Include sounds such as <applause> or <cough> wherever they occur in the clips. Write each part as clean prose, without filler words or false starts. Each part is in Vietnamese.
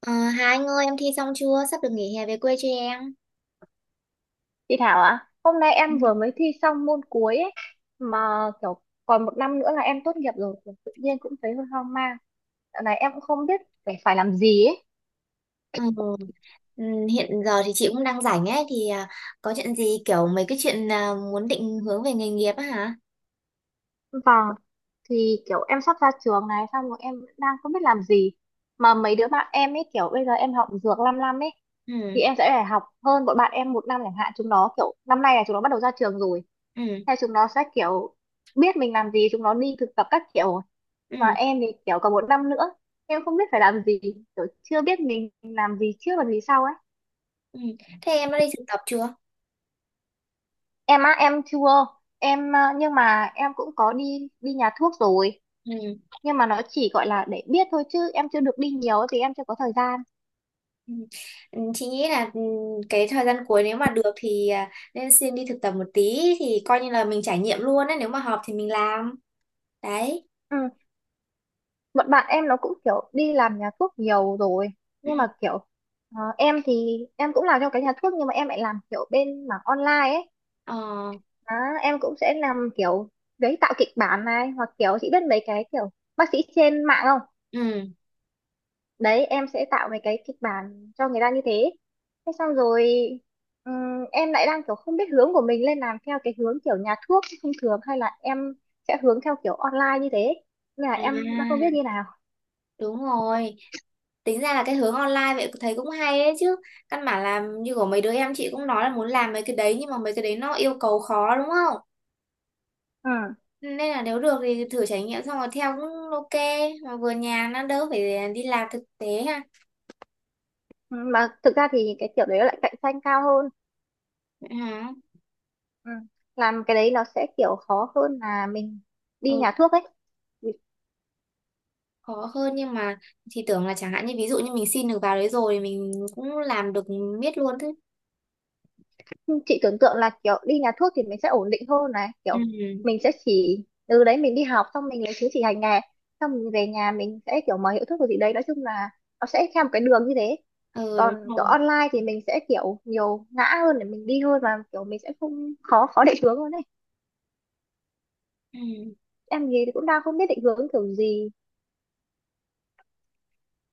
Ờ, Hà Anh ơi, em thi xong chưa? Sắp được nghỉ hè về quê cho em. Chị Thảo ạ, hôm nay Ừ. em vừa mới thi xong môn cuối ấy, mà kiểu còn một năm nữa là em tốt nghiệp rồi, kiểu tự nhiên cũng thấy hơi hoang mang. Dạo này em cũng không biết phải phải làm gì ấy. Ừ. Ừ, hiện giờ thì chị cũng đang rảnh ấy thì có chuyện gì, kiểu mấy cái chuyện muốn định hướng về nghề nghiệp á hả? Vâng, thì kiểu em sắp ra trường này, xong rồi em vẫn đang không biết làm gì. Mà mấy đứa bạn em ấy kiểu bây giờ em học dược 5 năm ấy, Ừ, thì em sẽ phải học hơn bọn bạn em một năm chẳng hạn. Chúng nó kiểu năm nay là chúng nó bắt đầu ra trường rồi, ừ, theo chúng nó sẽ kiểu biết mình làm gì, chúng nó đi thực tập các kiểu. ừ, Mà em thì kiểu còn một năm nữa em không biết phải làm gì, kiểu chưa biết mình làm gì trước và gì sau ấy. ừ. Thế em đã đi thực tập chưa? Em á em chưa, em à, nhưng mà em cũng có đi đi nhà thuốc rồi, Ừ. nhưng mà nó chỉ gọi là để biết thôi chứ em chưa được đi nhiều ấy, vì em chưa có thời gian. Ừ. Ừ, chị nghĩ là cái thời gian cuối nếu mà được thì nên xin đi thực tập một tí thì coi như là mình trải nghiệm luôn ấy, nếu mà hợp thì mình làm. Đấy. Ừ. Bọn bạn em nó cũng kiểu đi làm nhà thuốc nhiều rồi, Ừ. nhưng mà kiểu em thì em cũng làm trong cái nhà thuốc nhưng mà em lại làm kiểu bên mảng online ấy. Ờ. Đó, em cũng sẽ làm kiểu giấy tạo kịch bản này hoặc kiểu chị biết mấy cái kiểu bác sĩ trên mạng không, Ừ. đấy em sẽ tạo mấy cái kịch bản cho người ta như thế. Thế xong rồi em lại đang kiểu không biết hướng của mình lên làm theo cái hướng kiểu nhà thuốc thông thường hay là em sẽ hướng theo kiểu online như thế, nên là em đang không biết À, như nào. đúng rồi. Tính ra là cái hướng online vậy thấy cũng hay ấy chứ, căn bản là như của mấy đứa em chị cũng nói là muốn làm mấy cái đấy, nhưng mà mấy cái đấy nó yêu cầu khó đúng không, Ừ. nên là nếu được thì thử trải nghiệm xong rồi theo cũng ok, mà vừa nhà nó đỡ phải đi làm thực tế ha. Ừ, mà thực ra thì cái kiểu đấy lại cạnh tranh cao hơn. Vậy hả? Ừ. Làm cái đấy nó sẽ kiểu khó hơn là mình đi Ừ, nhà thuốc ấy, khó hơn nhưng mà thì tưởng là chẳng hạn như ví dụ như mình xin được vào đấy rồi thì mình cũng làm được miết luôn thế. chị tưởng tượng là kiểu đi nhà thuốc thì mình sẽ ổn định hơn này, kiểu Ừ, mình sẽ chỉ từ đấy mình đi học xong mình lấy chứng chỉ hành nghề, xong mình về nhà mình sẽ kiểu mở hiệu thuốc rồi gì đấy, nói chung là nó sẽ theo một cái đường như thế. ừ đúng Còn kiểu rồi. online thì mình sẽ kiểu nhiều ngã hơn để mình đi hơn, và kiểu mình sẽ không khó khó định hướng hơn đấy. Ừ. Em gì thì cũng đang không biết định hướng kiểu gì.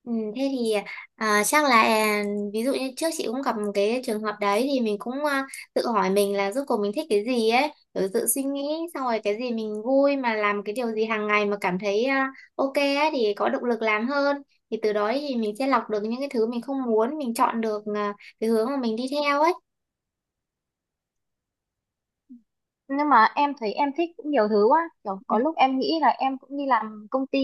Ừ, thế thì chắc là ví dụ như trước chị cũng gặp một cái trường hợp đấy thì mình cũng tự hỏi mình là rốt cuộc mình thích cái gì ấy, rồi tự suy nghĩ, xong rồi cái gì mình vui mà làm, cái điều gì hàng ngày mà cảm thấy ok ấy, thì có động lực làm hơn, thì từ đó thì mình sẽ lọc được những cái thứ mình không muốn, mình chọn được cái hướng mà mình đi theo ấy. Nhưng mà em thấy em thích cũng nhiều thứ quá, kiểu Ừ. có lúc em nghĩ là em cũng đi làm công ty,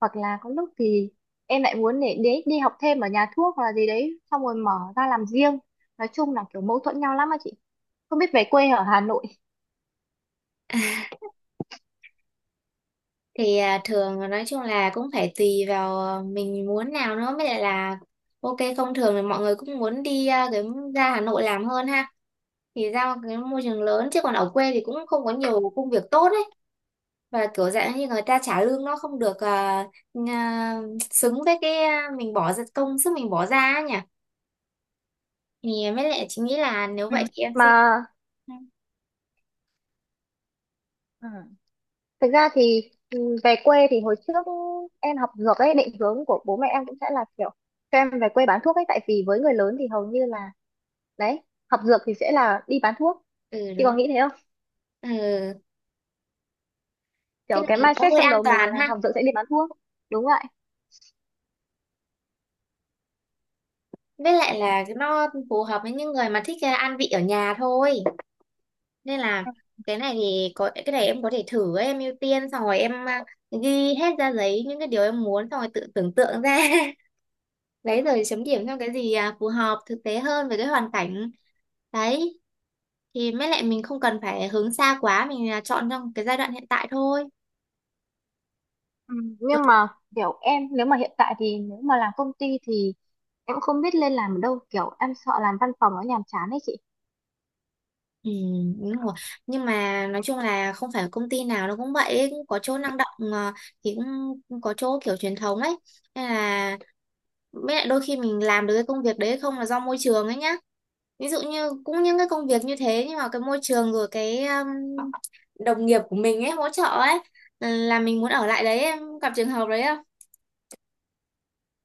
hoặc là có lúc thì em lại muốn để đi học thêm ở nhà thuốc hoặc là gì đấy xong rồi mở ra làm riêng. Nói chung là kiểu mâu thuẫn nhau lắm á chị, không biết về quê ở Hà Nội. Thì thường nói chung là cũng phải tùy vào mình muốn nào nữa mới lại là ok không, thường thì mọi người cũng muốn đi cái ra Hà Nội làm hơn ha, thì ra một cái môi trường lớn, chứ còn ở quê thì cũng không có nhiều công việc tốt ấy, và kiểu dạng như người ta trả lương nó không được à, xứng với cái mình bỏ ra, công sức mình bỏ ra ấy nhỉ, thì mới lại chị nghĩ là nếu Ừ. vậy thì em sẽ. Mà Ừ. thực ra thì về quê thì hồi trước em học dược ấy, định hướng của bố mẹ em cũng sẽ là kiểu cho em về quê bán thuốc ấy, tại vì với người lớn thì hầu như là đấy, học dược thì sẽ là đi bán thuốc, Ừ chị đúng có rồi. nghĩ thế, Ừ, cái kiểu cái này nó mindset hơi trong an đầu mình toàn là ha, học dược sẽ đi bán thuốc. Đúng vậy. với lại là nó phù hợp với những người mà thích ăn vị ở nhà thôi, nên là Ừ, cái này thì có cái này em có thể thử ấy, em ưu tiên xong rồi em ghi hết ra giấy những cái điều em muốn, xong rồi tự tưởng tượng ra <laughs> đấy, rồi chấm điểm theo cái gì phù hợp thực tế hơn với cái hoàn cảnh đấy, thì mới lại mình không cần phải hướng xa quá, mình chọn trong cái giai đoạn hiện tại thôi. Ừ, nhưng mà kiểu em nếu mà hiện tại thì nếu mà làm công ty thì em không biết lên làm ở đâu, kiểu em sợ làm văn phòng nó nhàm chán ấy chị. Ừ, đúng rồi. Nhưng mà nói chung là không phải công ty nào nó cũng vậy ấy. Cũng có chỗ năng động, thì cũng cũng có chỗ kiểu truyền thống ấy, nên là với lại đôi khi mình làm được cái công việc đấy không là do môi trường ấy nhá. Ví dụ như cũng những cái công việc như thế, nhưng mà cái môi trường rồi cái đồng nghiệp của mình ấy hỗ trợ ấy, là mình muốn ở lại đấy, em gặp trường hợp đấy không?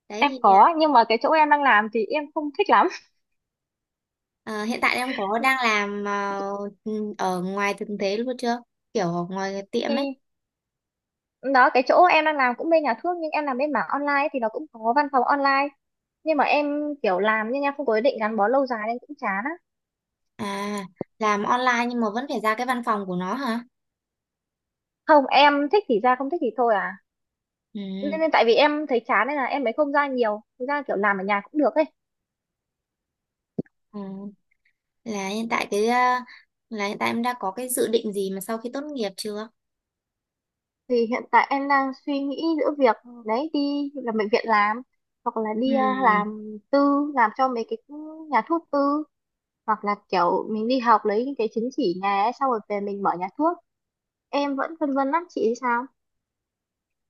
Đấy Em thì. có, nhưng mà cái chỗ em đang làm thì em không thích lắm. Ờ, hiện tại em có đang làm ở ngoài thực tế luôn chưa, kiểu ở ngoài cái tiệm ấy? Thì đó, cái chỗ em đang làm cũng bên nhà thuốc nhưng em làm bên mảng online ấy, thì nó cũng có văn phòng online, nhưng mà em kiểu làm nhưng em không có ý định gắn bó lâu dài nên cũng chán á. À, làm online nhưng mà vẫn phải ra cái văn phòng của nó hả? Không, em thích thì ra không thích thì thôi à, Ừ, nên tại vì em thấy chán nên là em mới không ra nhiều, thực ra kiểu làm ở nhà cũng được ấy. ừ. Là hiện tại cái là hiện tại em đã có cái dự định gì mà sau khi tốt nghiệp chưa? Thì hiện tại em đang suy nghĩ giữa việc đấy, đi làm bệnh viện làm, hoặc là đi Ừ. làm tư, làm cho mấy cái nhà thuốc tư, hoặc là kiểu mình đi học lấy những cái chứng chỉ nhà ấy, xong rồi về mình mở nhà thuốc. Em vẫn phân vân lắm, chị thì sao?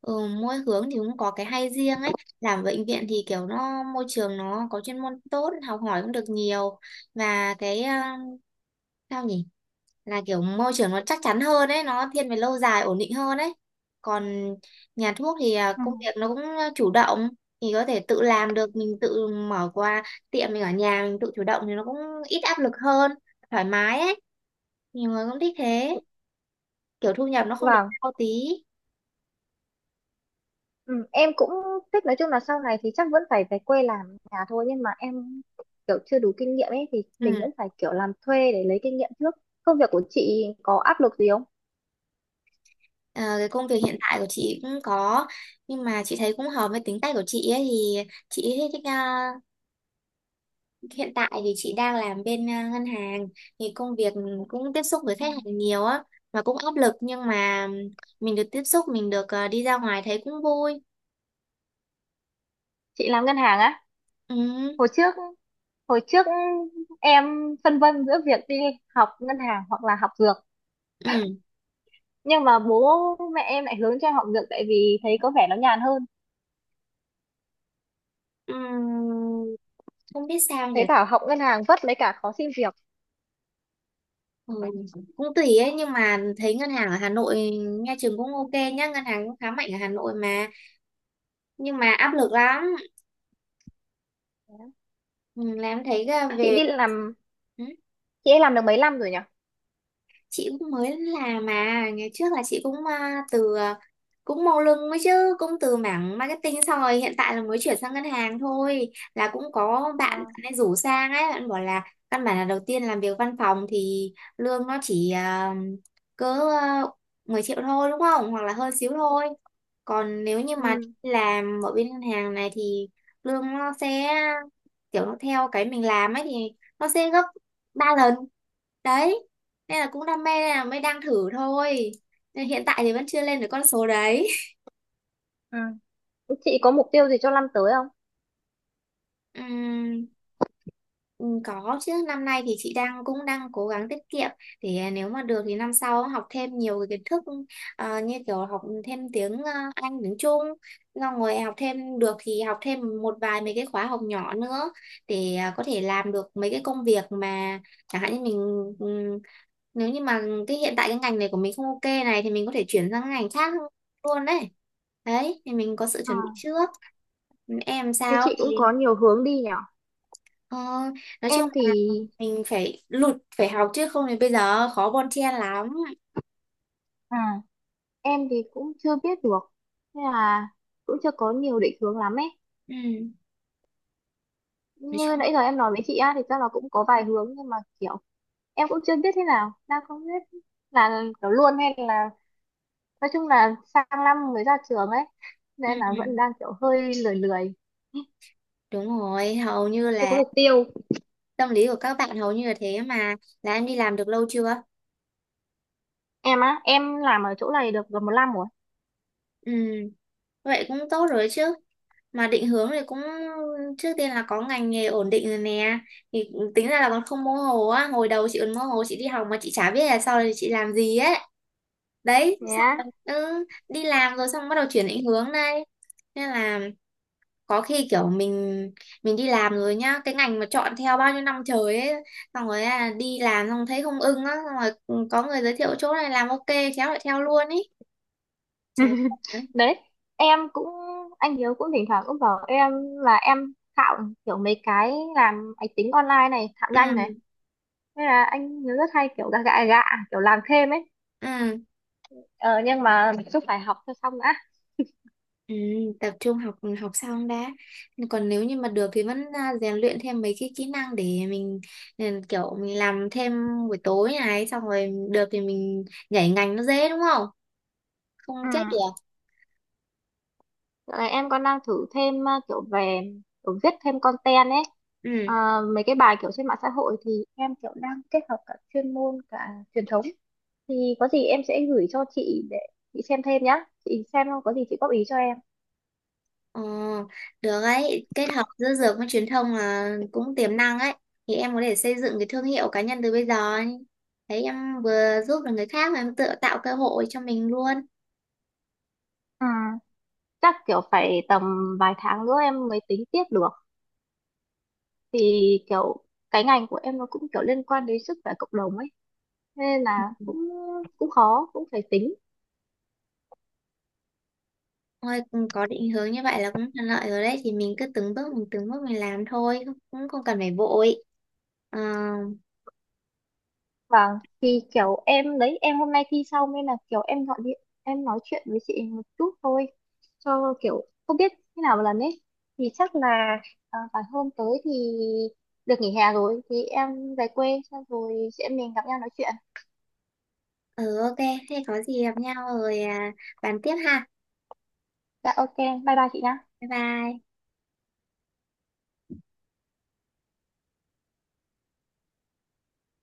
Ừ, mỗi hướng thì cũng có cái hay riêng ấy. Làm bệnh viện thì kiểu nó môi trường nó có chuyên môn tốt, học hỏi cũng được nhiều, và cái sao nhỉ, là kiểu môi trường nó chắc chắn hơn ấy, nó thiên về lâu dài ổn định hơn ấy. Còn nhà thuốc thì Ừ. công việc nó cũng chủ động, thì có thể tự làm được, mình tự mở qua tiệm mình ở nhà, mình tự chủ động thì nó cũng ít áp lực hơn, thoải mái ấy, nhiều người cũng thích thế, kiểu thu nhập nó không được Vâng, cao tí. ừ, em cũng thích, nói chung là sau này thì chắc vẫn phải về quê làm nhà thôi, nhưng mà em kiểu chưa đủ kinh nghiệm ấy, thì Ừ. mình vẫn phải kiểu làm thuê để lấy kinh nghiệm trước. Công việc của chị có áp lực gì không? Ờ, cái công việc hiện tại của chị cũng có, nhưng mà chị thấy cũng hợp với tính cách của chị ấy, thì chị thích hiện tại thì chị đang làm bên ngân hàng, thì công việc cũng tiếp xúc với Ừ. khách hàng nhiều á, và cũng áp lực nhưng mà mình được tiếp xúc, mình được đi ra ngoài thấy cũng vui. Chị làm ngân hàng á? Ừ, Hồi trước hồi trước em phân vân giữa việc đi học ngân hàng hoặc là học dược, ừ, nhưng mà bố mẹ em lại hướng cho em học dược tại vì thấy có vẻ nó nhàn hơn, ừ, không biết sao nhỉ. thấy bảo học ngân hàng vất lấy cả khó xin việc. Ừ, cũng tùy ấy, nhưng mà thấy ngân hàng ở Hà Nội nghe chừng cũng ok nhá, ngân hàng cũng khá mạnh ở Hà Nội mà, nhưng mà áp lực lắm. Ừ, làm thấy là Chị về. đi làm, ừ, chị ấy làm được mấy năm rồi nhỉ? chị cũng mới làm mà, ngày trước là chị cũng từ cũng màu lưng mới chứ, cũng từ mảng marketing xong rồi hiện tại là mới chuyển sang ngân hàng thôi, là cũng có bạn bạn Ờ, ấy rủ sang ấy, bạn bảo là căn bản là đầu tiên làm việc văn phòng thì lương nó chỉ cỡ 10 triệu thôi đúng không, hoặc là hơn xíu thôi, còn nếu như mà ừ, làm ở bên ngân hàng này thì lương nó sẽ kiểu nó theo cái mình làm ấy, thì nó sẽ gấp 3 lần đấy, nên là cũng đam mê nên là mới đang thử thôi, nên hiện tại thì vẫn chưa lên được con số đấy. ừ. Chị có mục tiêu gì cho năm tới không? <laughs> Ừm, ừ, có chứ, năm nay thì chị cũng đang cố gắng tiết kiệm, để nếu mà được thì năm sau học thêm nhiều cái kiến thức, như kiểu học thêm tiếng Anh, tiếng Trung, xong rồi học thêm được thì học thêm một vài mấy cái khóa học nhỏ nữa, để có thể làm được mấy cái công việc mà chẳng hạn như mình. ừ, nếu như mà cái hiện tại cái ngành này của mình không ok này thì mình có thể chuyển sang cái ngành khác luôn đấy. Đấy thì mình có sự Ờ, chuẩn bị trước. Em thế sao? chị cũng có nhiều hướng đi nhỉ? Ờ, nói chung Em thì là mình phải lụt phải học, chứ không thì bây giờ khó bon chen lắm. Ừ. em thì cũng chưa biết được, nên là cũng chưa có nhiều định hướng lắm ấy. Ừ, nói Như chung. nãy giờ em nói với chị á, thì chắc là cũng có vài hướng nhưng mà kiểu em cũng chưa biết thế nào, đang không biết là kiểu luôn hay là, nói chung là sang năm mới ra trường ấy, nên là vẫn Ừ, đang kiểu hơi lười lười, đúng rồi, hầu như chưa có là mục tiêu. tâm lý của các bạn hầu như là thế mà. Là em đi làm được lâu chưa? Em á em làm ở chỗ này được gần một năm rồi. Ừ, vậy cũng tốt rồi chứ, mà định hướng thì cũng trước tiên là có ngành nghề ổn định rồi nè, thì tính ra là còn không mơ hồ á, hồi đầu chị còn mơ hồ, chị đi học mà chị chả biết là sau này chị làm gì ấy. Đấy, Thế xong á? rồi đi làm rồi, xong bắt đầu chuyển định hướng đây, nên là có khi kiểu mình đi làm rồi nhá, cái ngành mà chọn theo bao nhiêu năm trời ấy, xong rồi đi làm xong thấy không ưng á, xong rồi có người giới thiệu chỗ này làm ok, khéo lại theo luôn ý, chả. <laughs> Ừ, Đấy em cũng, anh Hiếu cũng thỉnh thoảng cũng bảo em là em thạo kiểu mấy cái làm máy tính online này thạo ừ, nhanh này, nên là anh Hiếu rất hay kiểu gạ gạ gạ kiểu làm thêm ấy. ừ, Ờ, nhưng mà mình cũng phải học cho xong đã. ừ, tập trung học, học xong đã, còn nếu như mà được thì vẫn rèn luyện thêm mấy cái kỹ năng để mình. Ừ, kiểu mình làm thêm buổi tối này xong rồi được thì mình nhảy ngành nó dễ đúng không, không Ừ. chết được. Dạo này em còn đang thử thêm kiểu về kiểu viết thêm content ấy. Ừ. Ờ, mấy cái bài kiểu trên mạng xã hội thì em kiểu đang kết hợp cả chuyên môn cả truyền thống, thì có gì em sẽ gửi cho chị để chị xem thêm nhá, chị xem không có gì chị góp ý cho em. Ờ, được ấy, kết hợp giữa dược với truyền thông là cũng tiềm năng ấy. Thì em có thể xây dựng cái thương hiệu cá nhân từ bây giờ ấy. Thấy em vừa giúp được người khác mà em tự tạo cơ hội cho mình luôn. À, chắc kiểu phải tầm vài tháng nữa em mới tính tiếp được, thì kiểu cái ngành của em nó cũng kiểu liên quan đến sức khỏe cộng đồng ấy, nên là cũng cũng khó cũng phải tính. Thôi ừ, có định hướng như vậy là cũng thuận lợi rồi đấy. Thì mình cứ từng bước mình làm thôi, cũng không cần phải vội. Ờ, Vâng, thì kiểu em đấy, em hôm nay thi xong nên là kiểu em gọi điện, em nói chuyện với chị một chút thôi, cho kiểu không biết thế nào một lần ấy. Thì chắc là phải hôm tới thì được nghỉ hè rồi, thì em về quê, xong rồi chị em mình gặp nhau nói chuyện. ừ ok, thế có gì gặp nhau rồi bàn tiếp ha. Dạ ok, bye bye chị nhá. Bye bye.